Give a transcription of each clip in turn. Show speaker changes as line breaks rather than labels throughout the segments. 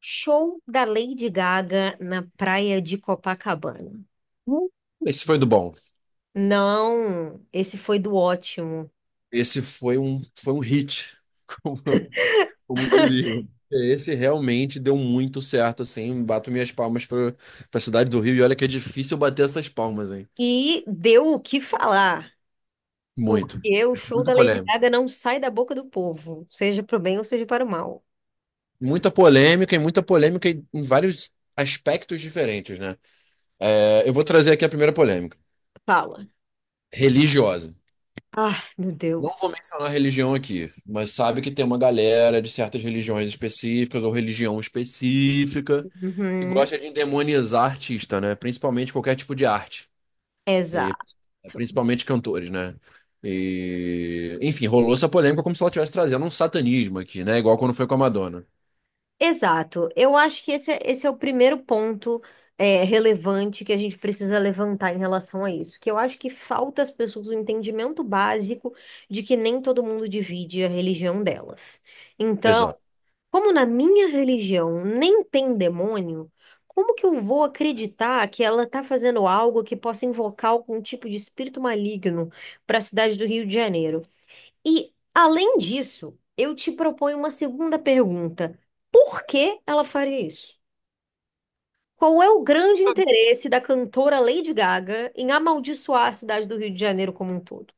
Show da Lady Gaga na praia de Copacabana.
Hum, Esse foi do bom.
Não, esse foi do ótimo.
Esse foi foi um hit, como, como diriam. Esse realmente deu muito certo, assim. Bato minhas palmas para a cidade do Rio e olha que é difícil bater essas palmas, hein?
E deu o que falar,
Muito.
porque o show da
Muita
Lady
polêmica.
Gaga não sai da boca do povo, seja para o bem ou seja para o mal.
Muita polêmica e muita polêmica em vários aspectos diferentes, né? Eu vou trazer aqui a primeira polêmica,
Fala.
religiosa.
Ah, meu
Não
Deus.
vou mencionar religião aqui, mas sabe que tem uma galera de certas religiões específicas ou religião específica que
Uhum,
gosta de endemonizar artista, né? Principalmente qualquer tipo de arte. E
exato.
principalmente cantores, né? E, enfim, rolou essa polêmica como se ela estivesse trazendo um satanismo aqui, né? Igual quando foi com a Madonna.
Exato. Eu acho que esse é o primeiro ponto relevante que a gente precisa levantar em relação a isso. Que eu acho que falta às pessoas o entendimento básico de que nem todo mundo divide a religião delas. Então,
Exato.
como na minha religião nem tem demônio, como que eu vou acreditar que ela está fazendo algo que possa invocar algum tipo de espírito maligno para a cidade do Rio de Janeiro? E, além disso, eu te proponho uma segunda pergunta. Por que ela faria isso? Qual é o grande interesse da cantora Lady Gaga em amaldiçoar a cidade do Rio de Janeiro como um todo?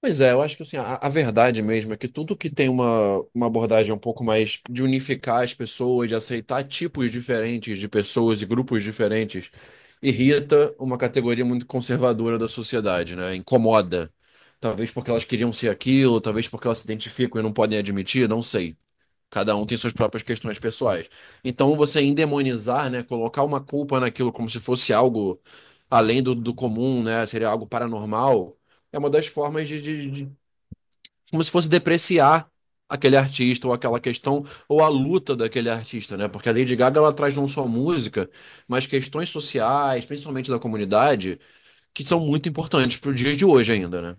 Pois é, eu acho que assim, a verdade mesmo é que tudo que tem uma abordagem um pouco mais de unificar as pessoas, de aceitar tipos diferentes de pessoas e grupos diferentes, irrita uma categoria muito conservadora da sociedade, né? Incomoda. Talvez porque elas queriam ser aquilo, talvez porque elas se identificam e não podem admitir, não sei. Cada um tem suas próprias questões pessoais. Então, você endemonizar, né, colocar uma culpa naquilo como se fosse algo além do comum, né, seria algo paranormal, é uma das formas como se fosse depreciar aquele artista ou aquela questão ou a luta daquele artista, né? Porque a Lady Gaga ela traz não só música, mas questões sociais, principalmente da comunidade, que são muito importantes para o dia de hoje ainda, né?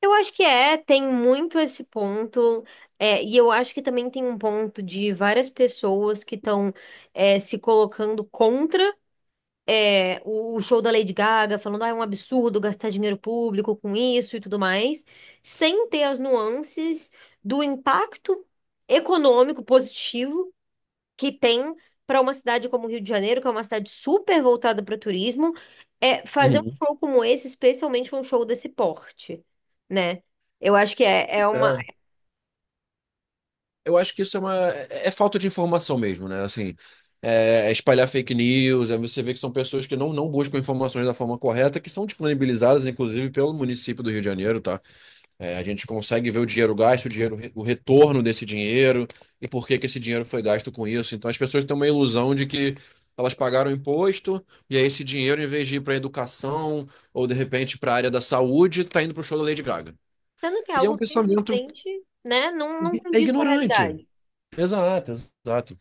Eu acho que tem muito esse ponto, e eu acho que também tem um ponto de várias pessoas que estão se colocando contra o show da Lady Gaga, falando, ah, é um absurdo gastar dinheiro público com isso e tudo mais, sem ter as nuances do impacto econômico positivo que tem para uma cidade como o Rio de Janeiro, que é uma cidade super voltada para turismo, fazer um
Uhum.
show como esse, especialmente um show desse porte, né? Eu acho que é uma.
É. Eu acho que isso é uma. É falta de informação mesmo, né? Assim, é espalhar fake news, aí você vê que são pessoas que não buscam informações da forma correta, que são disponibilizadas, inclusive, pelo município do Rio de Janeiro, tá? É, a gente consegue ver o dinheiro gasto, o dinheiro, o retorno desse dinheiro e por que que esse dinheiro foi gasto com isso. Então as pessoas têm uma ilusão de que elas pagaram imposto e aí esse dinheiro, em vez de ir para educação ou de repente para a área da saúde, tá indo para o show da Lady Gaga.
Sendo que é
E é
algo
um
que
pensamento
simplesmente, né, não
é
condiz com a
ignorante.
realidade.
Exato, exato.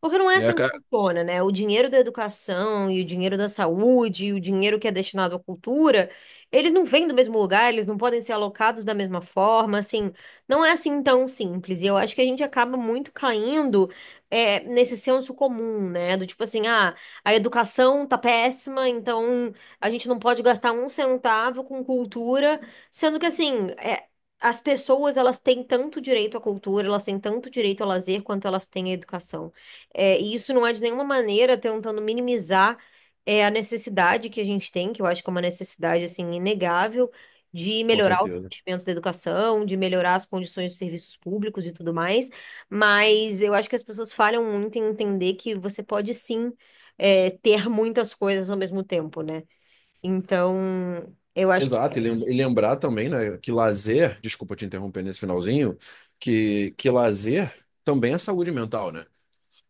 Porque não é
É,
assim que
ca-
funciona, né? O dinheiro da educação e o dinheiro da saúde e o dinheiro que é destinado à cultura, eles não vêm do mesmo lugar, eles não podem ser alocados da mesma forma, assim, não é assim tão simples. E eu acho que a gente acaba muito caindo nesse senso comum, né? Do tipo assim, ah, a educação tá péssima, então a gente não pode gastar um centavo com cultura, sendo que assim, é, as pessoas, elas têm tanto direito à cultura, elas têm tanto direito ao lazer quanto elas têm à educação. É, e isso não é de nenhuma maneira tentando minimizar a necessidade que a gente tem, que eu acho que é uma necessidade assim inegável, de
com
melhorar os
certeza.
investimentos da educação, de melhorar as condições dos serviços públicos e tudo mais. Mas eu acho que as pessoas falham muito em entender que você pode sim ter muitas coisas ao mesmo tempo, né? Então, eu acho que
Exato, e lembrar também, né, que lazer, desculpa te interromper nesse finalzinho, que lazer também é saúde mental, né?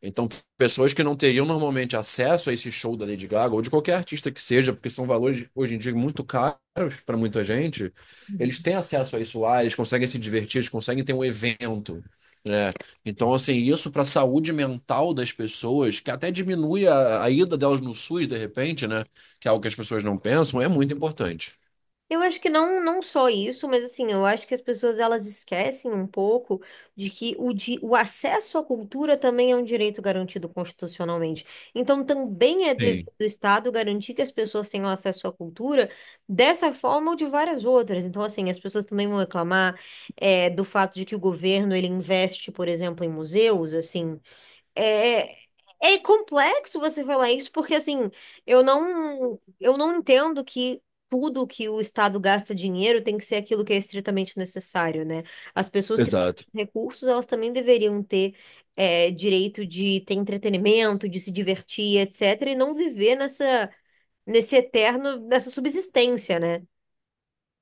Então, pessoas que não teriam normalmente acesso a esse show da Lady Gaga ou de qualquer artista que seja, porque são valores hoje em dia muito caros para muita gente, eles têm
é
acesso a isso lá, eles conseguem se divertir, eles conseguem ter um evento, né? Então, assim, isso para a saúde mental das pessoas, que até diminui a ida delas no SUS de repente, né? Que é algo que as pessoas não pensam, é muito importante.
Eu acho que não só isso, mas assim, eu acho que as pessoas elas esquecem um pouco de que o acesso à cultura também é um direito garantido constitucionalmente. Então, também é dever
Sim,
do Estado garantir que as pessoas tenham acesso à cultura dessa forma ou de várias outras. Então, assim, as pessoas também vão reclamar do fato de que o governo ele investe, por exemplo, em museus, assim. É, é complexo você falar isso, porque assim, eu não entendo que tudo que o Estado gasta dinheiro tem que ser aquilo que é estritamente necessário, né? As pessoas que têm
exato.
recursos, elas também deveriam ter direito de ter entretenimento, de se divertir, etc., e não viver nesse eterno, nessa subsistência, né?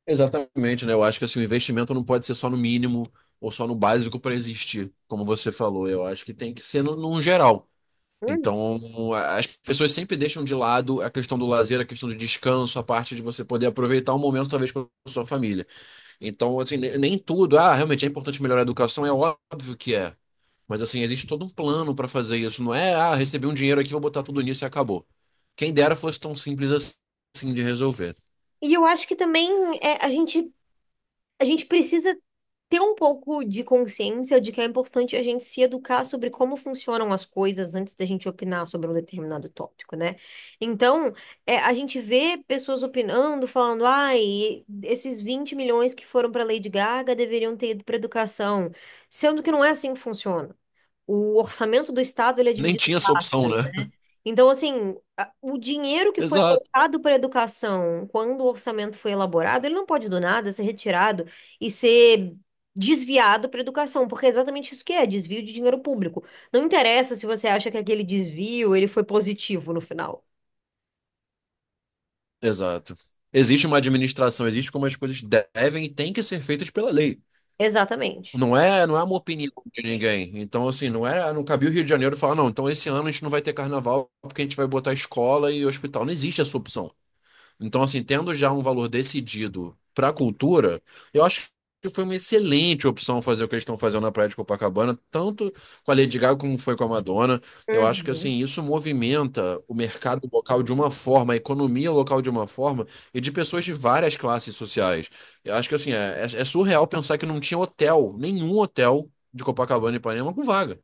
Exatamente, né? Eu acho que assim, o investimento não pode ser só no mínimo ou só no básico para existir, como você falou. Eu acho que tem que ser no, num geral.
Hum.
Então, as pessoas sempre deixam de lado a questão do lazer, a questão do descanso, a parte de você poder aproveitar um momento, talvez, com a sua família. Então, assim, nem tudo. Ah, realmente é importante melhorar a educação, é óbvio que é. Mas, assim, existe todo um plano para fazer isso. Não é, ah, recebi um dinheiro aqui, vou botar tudo nisso e acabou. Quem dera fosse tão simples assim de resolver.
E eu acho que também é, a gente a gente precisa ter um pouco de consciência de que é importante a gente se educar sobre como funcionam as coisas antes da gente opinar sobre um determinado tópico, né? Então, a gente vê pessoas opinando, falando, ai, esses 20 milhões que foram para Lady Gaga deveriam ter ido para educação, sendo que não é assim que funciona. O orçamento do Estado, ele é
Nem
dividido em
tinha essa
partes.
opção, né?
Então, assim, o dinheiro que foi
exato.
alocado para a educação, quando o orçamento foi elaborado, ele não pode do nada ser retirado e ser desviado para a educação, porque é exatamente isso que é, desvio de dinheiro público. Não interessa se você acha que aquele desvio ele foi positivo no final.
Exato. Existe uma administração, existe como as coisas devem e têm que ser feitas pela lei.
Exatamente.
Não é uma opinião de ninguém. Então, assim, não é, não cabia o Rio de Janeiro falar, não, então esse ano a gente não vai ter carnaval porque a gente vai botar escola e hospital. Não existe essa opção. Então, assim, tendo já um valor decidido para a cultura, eu acho que foi uma excelente opção fazer o que eles estão fazendo na Praia de Copacabana, tanto com a Lady Gaga como foi com a Madonna. Eu acho que,
Uhum.
assim, isso movimenta o mercado local de uma forma, a economia local de uma forma, e de pessoas de várias classes sociais. Eu acho que, assim, é surreal pensar que não tinha hotel, nenhum hotel de Copacabana e Ipanema com vaga.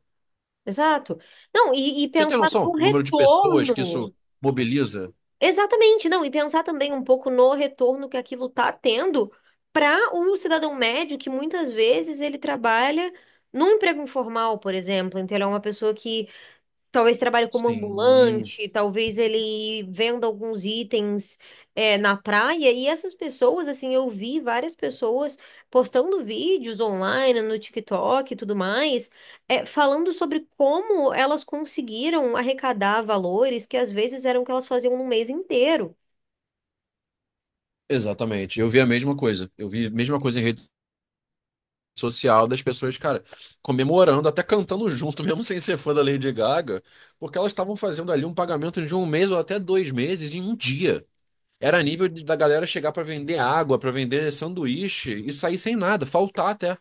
Exato. Não, e
Você tem
pensar
noção?
no
O número de pessoas que isso
retorno.
mobiliza?
Exatamente, não, e pensar também um pouco no retorno que aquilo está tendo para o cidadão médio, que muitas vezes ele trabalha num emprego informal, por exemplo, então ele é uma pessoa que talvez trabalhe como
Sim.
ambulante, talvez ele venda alguns itens na praia. E essas pessoas, assim, eu vi várias pessoas postando vídeos online, no TikTok e tudo mais, falando sobre como elas conseguiram arrecadar valores que às vezes eram o que elas faziam no mês inteiro.
Exatamente. Eu vi a mesma coisa. Eu vi a mesma coisa em rede social das pessoas, cara, comemorando, até cantando junto, mesmo sem ser fã da Lady Gaga, porque elas estavam fazendo ali um pagamento de um mês ou até dois meses em um dia. Era nível da galera chegar para vender água, para vender sanduíche e sair sem nada, faltar até.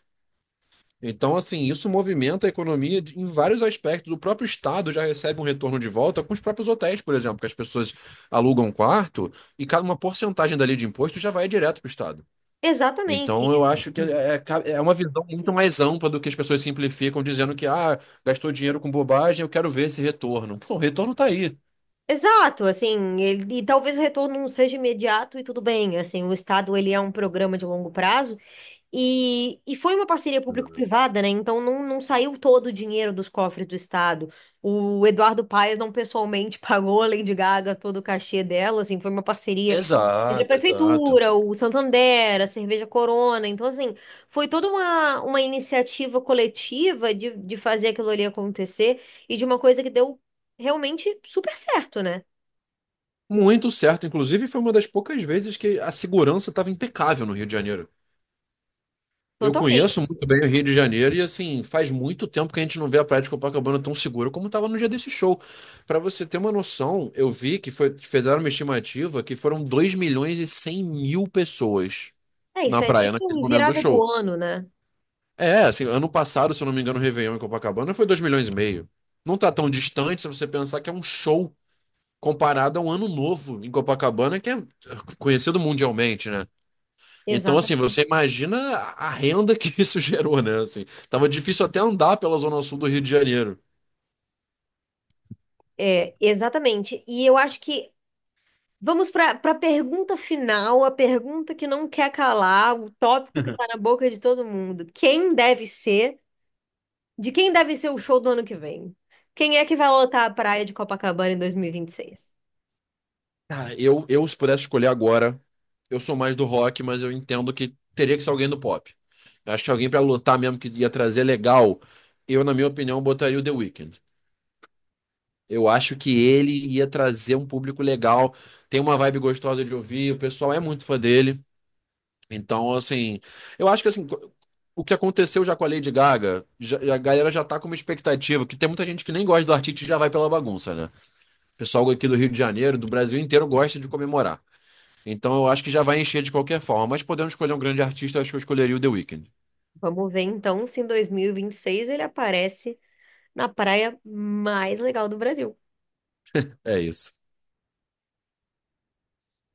Então, assim, isso movimenta a economia em vários aspectos. O próprio Estado já recebe um retorno de volta com os próprios hotéis, por exemplo, que as pessoas alugam um quarto e cada uma porcentagem dali de imposto já vai direto para o Estado.
Exatamente.
Então eu acho que é uma visão muito mais ampla do que as pessoas simplificam dizendo que ah, gastou dinheiro com bobagem, eu quero ver esse retorno. Pô, o retorno tá aí.
Exato, assim, e talvez o retorno não seja imediato e tudo bem, assim, o Estado ele é um programa de longo prazo, e foi uma parceria público-privada, né? Então não saiu todo o dinheiro dos cofres do Estado. O Eduardo Paes não pessoalmente pagou a Lady Gaga todo o cachê dela, assim, foi uma parceria entre a
Exato, exato.
prefeitura, o Santander, a Cerveja Corona. Então, assim, foi toda uma iniciativa coletiva de fazer aquilo ali acontecer e de uma coisa que deu realmente super certo, né?
Muito certo. Inclusive, foi uma das poucas vezes que a segurança estava impecável no Rio de Janeiro. Eu conheço
Totalmente.
muito bem o Rio de Janeiro e, assim, faz muito tempo que a gente não vê a Praia de Copacabana tão segura como estava no dia desse show. Para você ter uma noção, eu vi que foi, fizeram uma estimativa que foram 2.100.000 pessoas
É,
na
isso é
praia naquele
nível
momento do
virada do
show.
ano, né?
É, assim, ano passado, se eu não me engano, o Réveillon em Copacabana foi 2,5 milhões. Não tá tão distante se você pensar que é um show comparado a um ano novo em Copacabana, que é conhecido mundialmente, né? Então, assim,
Exata,
você imagina a renda que isso gerou, né? Assim, tava difícil até andar pela zona sul do Rio de Janeiro.
exatamente. E eu acho que. Vamos para a pergunta final, a pergunta que não quer calar, o tópico que está na boca de todo mundo. Quem deve ser? De quem deve ser o show do ano que vem? Quem é que vai lotar a praia de Copacabana em 2026?
Cara, eu se pudesse escolher agora, eu sou mais do rock, mas eu entendo que teria que ser alguém do pop. Eu acho que alguém pra lutar mesmo que ia trazer legal, eu, na minha opinião, botaria o The Weeknd. Eu acho que ele ia trazer um público legal, tem uma vibe gostosa de ouvir, o pessoal é muito fã dele. Então, assim, eu acho que assim, o que aconteceu já com a Lady Gaga, a galera já tá com uma expectativa, que tem muita gente que nem gosta do artista e já vai pela bagunça, né? O pessoal aqui do Rio de Janeiro, do Brasil inteiro, gosta de comemorar. Então eu acho que já vai encher de qualquer forma, mas podendo escolher um grande artista, eu acho que eu escolheria o The Weeknd.
Vamos ver então se em 2026 ele aparece na praia mais legal do Brasil.
É isso.